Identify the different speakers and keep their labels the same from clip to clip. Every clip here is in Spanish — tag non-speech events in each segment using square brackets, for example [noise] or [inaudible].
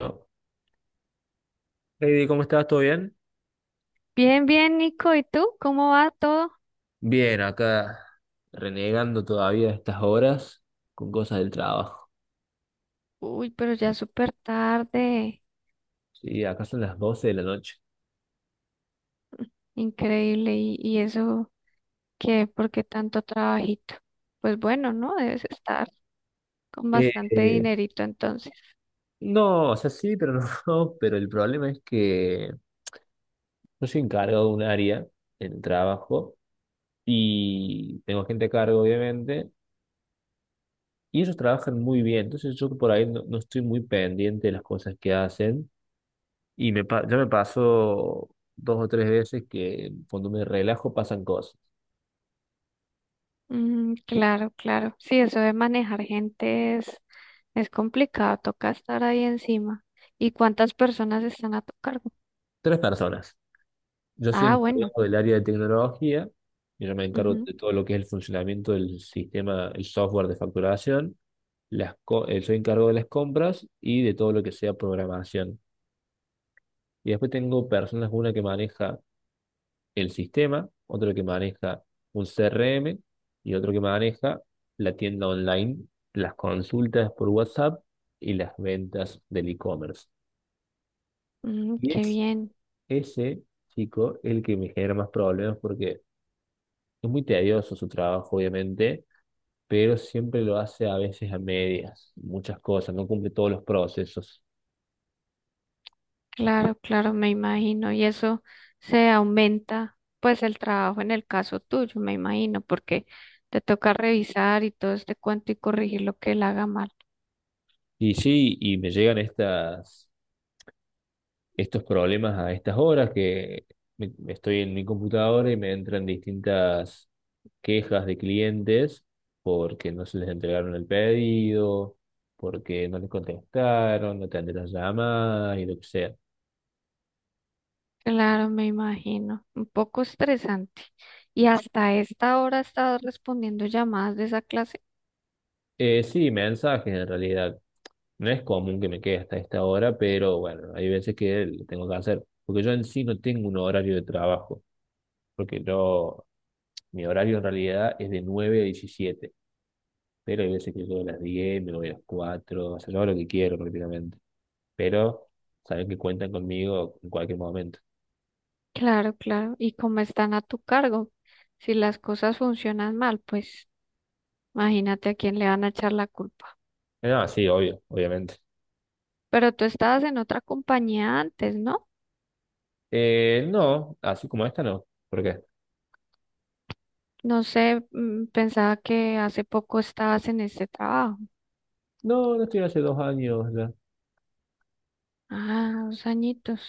Speaker 1: No. Heidi, ¿cómo estás? ¿Todo bien?
Speaker 2: Bien, bien, Nico. ¿Y tú? ¿Cómo va todo?
Speaker 1: Bien, acá renegando todavía estas horas con cosas del trabajo.
Speaker 2: Uy, pero ya es súper tarde.
Speaker 1: Sí, acá son las 12 de la noche.
Speaker 2: Increíble. ¿Y eso qué? ¿Por qué tanto trabajito? Pues bueno, ¿no? Debes estar con
Speaker 1: Eh,
Speaker 2: bastante
Speaker 1: eh,
Speaker 2: dinerito entonces.
Speaker 1: no, o sea, sí, pero no. [laughs] No, pero el problema es que yo soy encargado de un área en el trabajo y tengo gente a cargo, obviamente, y ellos trabajan muy bien. Entonces yo por ahí no, no estoy muy pendiente de las cosas que hacen y ya me pasó dos o tres veces que cuando me relajo pasan cosas.
Speaker 2: Mm, claro, claro. Sí, eso de manejar gente es complicado. Toca estar ahí encima. ¿Y cuántas personas están a tu cargo?
Speaker 1: Tres personas. Yo soy
Speaker 2: Ah, bueno.
Speaker 1: encargado del área de tecnología, y yo me encargo
Speaker 2: Ujú.
Speaker 1: de todo lo que es el funcionamiento del sistema, el software de facturación, soy encargado de las compras y de todo lo que sea programación. Y después tengo personas, una que maneja el sistema, otro que maneja un CRM y otro que maneja la tienda online, las consultas por WhatsApp y las ventas del e-commerce.
Speaker 2: Mm,
Speaker 1: Y
Speaker 2: qué
Speaker 1: es
Speaker 2: bien.
Speaker 1: ese chico el que me genera más problemas porque... Es muy tedioso su trabajo, obviamente, pero siempre lo hace a veces a medias, muchas cosas, no cumple todos los procesos.
Speaker 2: Claro, claro, me imagino. Y eso se aumenta, pues, el trabajo en el caso tuyo, me imagino, porque te toca revisar y todo este cuento y corregir lo que él haga mal.
Speaker 1: Y sí, y me llegan estos problemas a estas horas que estoy en mi computadora y me entran distintas quejas de clientes porque no se les entregaron el pedido, porque no les contestaron, no atendieron las llamadas y lo que sea.
Speaker 2: Claro, me imagino. Un poco estresante. Y hasta esta hora has estado respondiendo llamadas de esa clase.
Speaker 1: Sí, mensajes en realidad. No es común que me quede hasta esta hora, pero bueno, hay veces que lo tengo que hacer, porque yo en sí no tengo un horario de trabajo, porque yo, mi horario en realidad es de 9 a 17, pero hay veces que llego a las 10, me voy a las 4. O sea, yo hago lo que quiero prácticamente, pero saben que cuentan conmigo en cualquier momento.
Speaker 2: Claro, claro. Y como están a tu cargo, si las cosas funcionan mal, pues imagínate a quién le van a echar la culpa.
Speaker 1: No, sí, obvio, obviamente.
Speaker 2: Pero tú estabas en otra compañía antes, ¿no?
Speaker 1: No, así como esta no, ¿por qué?
Speaker 2: No sé, pensaba que hace poco estabas en este trabajo.
Speaker 1: No, no estoy hace 2 años ya.
Speaker 2: Ah, dos añitos.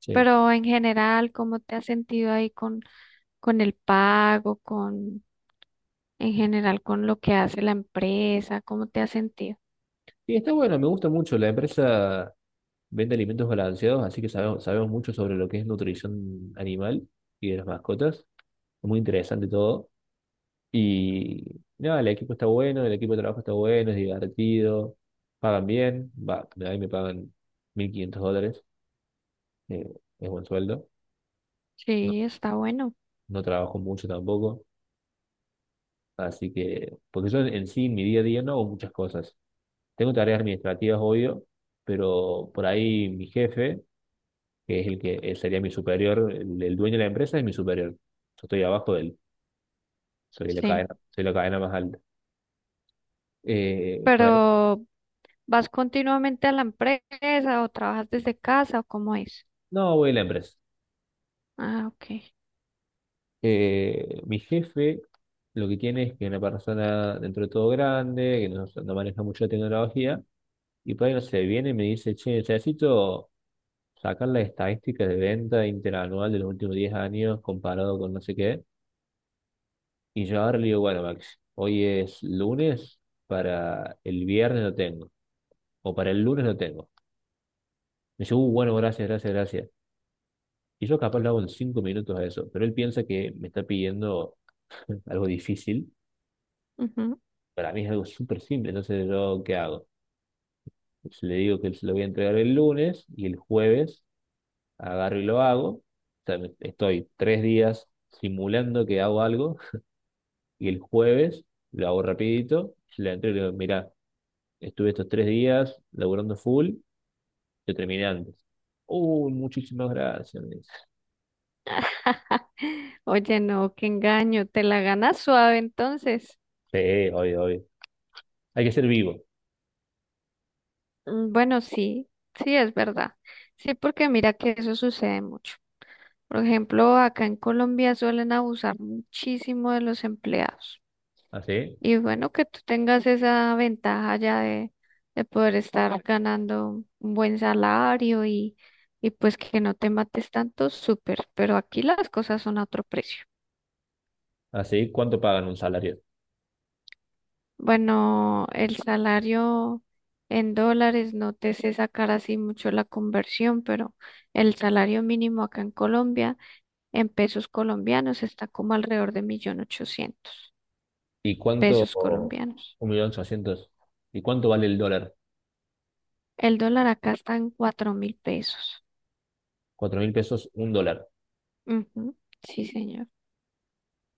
Speaker 1: Sí.
Speaker 2: Pero en general, ¿cómo te has sentido ahí con el pago, en general con lo que hace la empresa? ¿Cómo te has sentido?
Speaker 1: Y está bueno, me gusta mucho la empresa. Vende alimentos balanceados, así que sabemos mucho sobre lo que es nutrición animal y de las mascotas. Es muy interesante todo. Y nada, el equipo está bueno, el equipo de trabajo está bueno, es divertido, pagan bien. Va, ahí me pagan 1500 dólares, eh, es buen sueldo. No,
Speaker 2: Sí, está bueno.
Speaker 1: no trabajo mucho tampoco, así que, porque yo en, sí, en mi día a día no hago muchas cosas. Tengo tareas administrativas, obvio, pero por ahí mi jefe, que es el que él sería mi superior, el dueño de la empresa es mi superior. Yo estoy abajo de él,
Speaker 2: Sí.
Speaker 1: soy la cadena más alta. Eh, por ahí,
Speaker 2: Pero ¿vas continuamente a la empresa o trabajas desde casa o cómo es?
Speaker 1: no voy a la empresa.
Speaker 2: Ah, ok.
Speaker 1: Mi jefe lo que tiene es que es una persona dentro de todo grande, que no, no maneja mucho la tecnología, y por ahí no sé, viene y me dice, che, necesito sacar las estadísticas de venta interanual de los últimos 10 años comparado con no sé qué. Y yo ahora le digo, bueno, Max, hoy es lunes, para el viernes no tengo, o para el lunes no tengo. Me dice, bueno, gracias, gracias, gracias. Y yo capaz lo hago en 5 minutos a eso, pero él piensa que me está pidiendo algo difícil.
Speaker 2: Ujú.
Speaker 1: Para mí es algo súper simple, entonces yo, ¿qué hago? Pues le digo que se lo voy a entregar el lunes y el jueves agarro y lo hago. O sea, estoy 3 días simulando que hago algo, [laughs] y el jueves lo hago rapidito, se lo entrego y le digo, mira, estuve estos 3 días laburando full, yo terminé antes. Uy, muchísimas gracias, me dice.
Speaker 2: [laughs] Oye, no, qué engaño. Te la ganas suave entonces.
Speaker 1: Sí, obvio, obvio. Hay que ser vivo.
Speaker 2: Mm, bueno, sí, sí es verdad. Sí, porque mira que eso sucede mucho. Por ejemplo, acá en Colombia suelen abusar muchísimo de los empleados.
Speaker 1: ¿Así?
Speaker 2: Y bueno, que tú tengas esa ventaja ya de poder estar ganando un buen salario y pues que no te mates tanto, súper. Pero aquí las cosas son a otro precio.
Speaker 1: Así, ¿cuánto pagan un salario?
Speaker 2: Bueno, el salario en dólares, no te sé sacar así mucho la conversión, pero el salario mínimo acá en Colombia, en pesos colombianos, está como alrededor de millón
Speaker 1: ¿Y
Speaker 2: ochocientos
Speaker 1: cuánto?
Speaker 2: pesos colombianos.
Speaker 1: 1.800.000. ¿Y cuánto vale el dólar?
Speaker 2: El dólar acá está en 4.000 pesos.
Speaker 1: 4000 pesos, un dólar.
Speaker 2: Ujú. Sí, señor.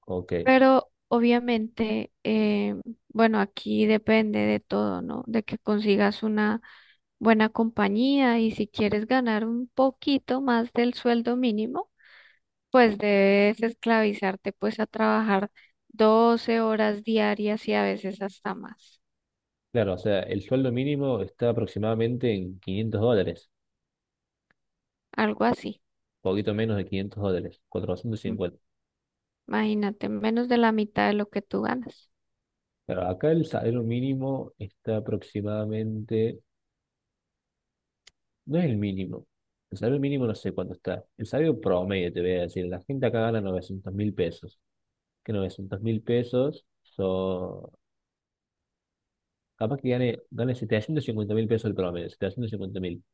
Speaker 1: Ok.
Speaker 2: Pero obviamente, bueno, aquí depende de todo, ¿no? De que consigas una buena compañía y si quieres ganar un poquito más del sueldo mínimo, pues debes esclavizarte pues a trabajar 12 horas diarias y a veces hasta más,
Speaker 1: Claro, o sea, el sueldo mínimo está aproximadamente en 500 dólares,
Speaker 2: algo así.
Speaker 1: poquito menos de 500 dólares, cuatrocientos
Speaker 2: Mm,
Speaker 1: cincuenta
Speaker 2: imagínate, menos de la mitad de lo que tú ganas.
Speaker 1: Pero acá el salario mínimo está aproximadamente, no es el mínimo, el salario mínimo no sé cuánto está, el salario promedio te voy a decir, la gente acá gana 900.000 pesos, que 900.000 pesos son, capaz que gane 750.000 pesos el promedio, 750.000.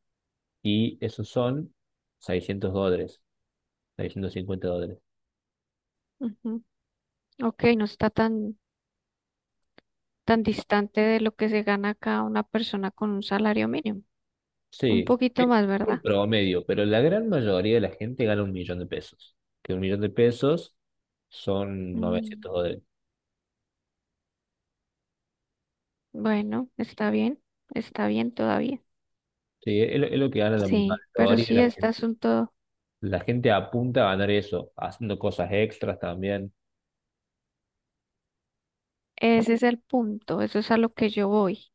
Speaker 1: Y esos son 600 dólares, 650 dólares.
Speaker 2: Ujú. Ok, no está tan distante de lo que se gana acá una persona con un salario mínimo. Un
Speaker 1: Sí,
Speaker 2: poquito
Speaker 1: e-
Speaker 2: más,
Speaker 1: el
Speaker 2: ¿verdad?
Speaker 1: promedio, pero la gran mayoría de la gente gana 1.000.000 de pesos, que 1.000.000 de pesos son
Speaker 2: Mm,
Speaker 1: 900 dólares.
Speaker 2: bueno, está bien todavía.
Speaker 1: Sí, es lo que gana la
Speaker 2: Sí, pero
Speaker 1: mayoría
Speaker 2: sí,
Speaker 1: de la
Speaker 2: este
Speaker 1: gente.
Speaker 2: asunto,
Speaker 1: La gente apunta a ganar eso, haciendo cosas extras también.
Speaker 2: ese es el punto, eso es a lo que yo voy,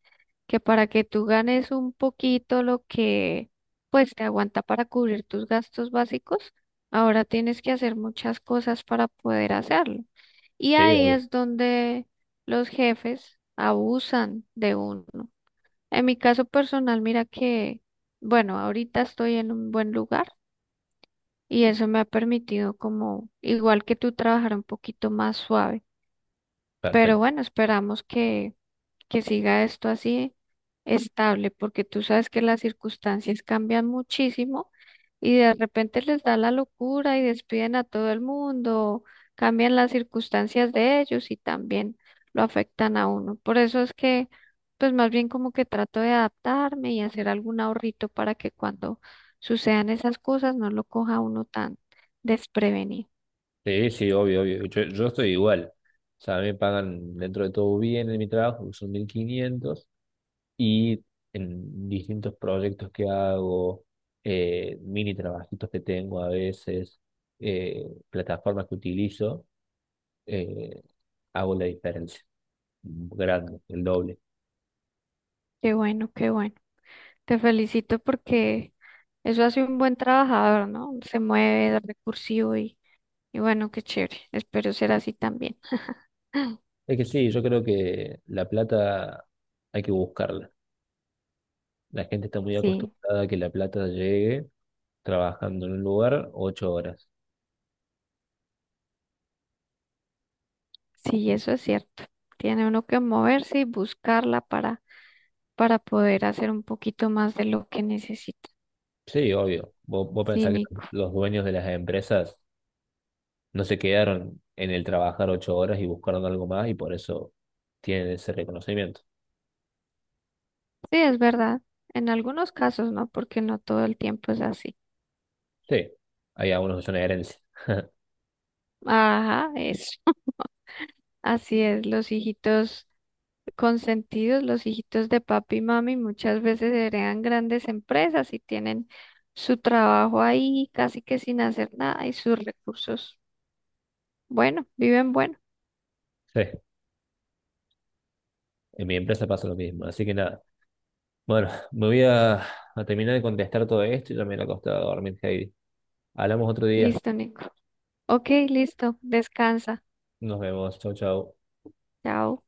Speaker 2: que para que tú ganes un poquito lo que pues te aguanta para cubrir tus gastos básicos, ahora tienes que hacer muchas cosas para poder hacerlo. Y
Speaker 1: Sí,
Speaker 2: ahí
Speaker 1: obvio,
Speaker 2: es donde los jefes abusan de uno. En mi caso personal, mira que, bueno, ahorita estoy en un buen lugar y eso me ha permitido como, igual que tú, trabajar un poquito más suave. Pero
Speaker 1: perfecto.
Speaker 2: bueno, esperamos que siga esto así estable, porque tú sabes que las circunstancias cambian muchísimo y de repente les da la locura y despiden a todo el mundo, cambian las circunstancias de ellos y también lo afectan a uno. Por eso es que, pues más bien como que trato de adaptarme y hacer algún ahorrito para que cuando sucedan esas cosas no lo coja uno tan desprevenido.
Speaker 1: Sí, sí, obvio, obvio. Yo estoy igual. O sea, a mí me pagan dentro de todo bien en mi trabajo, que son 1500, y en distintos proyectos que hago, mini trabajitos que tengo a veces, eh, plataformas que utilizo, eh, hago la diferencia. Grande, el doble.
Speaker 2: Qué bueno, qué bueno. Te felicito porque eso hace un buen trabajador, ¿no? Se mueve, es recursivo y bueno, qué chévere. Espero ser así también.
Speaker 1: Es que sí, yo creo que la plata hay que buscarla. La gente está muy
Speaker 2: Sí,
Speaker 1: acostumbrada a que la plata llegue trabajando en un lugar 8 horas.
Speaker 2: sí, eso es cierto. Tiene uno que moverse y buscarla para poder hacer un poquito más de lo que necesita.
Speaker 1: Sí, obvio. Vos
Speaker 2: Sí,
Speaker 1: pensás que
Speaker 2: Nico.
Speaker 1: los dueños de las empresas no se quedaron en el trabajar 8 horas y buscaron algo más, y por eso tienen ese reconocimiento.
Speaker 2: Sí, es verdad. En algunos casos, ¿no? Porque no todo el tiempo es así.
Speaker 1: Sí, hay algunos que son herencia. [laughs]
Speaker 2: Ajá, eso. [laughs] Así es, los hijitos. Consentidos, los hijitos de papi y mami muchas veces heredan grandes empresas y tienen su trabajo ahí casi que sin hacer nada y sus recursos. Bueno, viven bueno.
Speaker 1: Sí, en mi empresa pasa lo mismo, así que nada. Bueno, me voy a terminar de contestar todo esto y ya me iré costado acostar a dormir, Heidi. Hablamos otro día.
Speaker 2: Listo, Nico. Ok, listo. Descansa.
Speaker 1: Nos vemos. Chau, chau.
Speaker 2: Chao.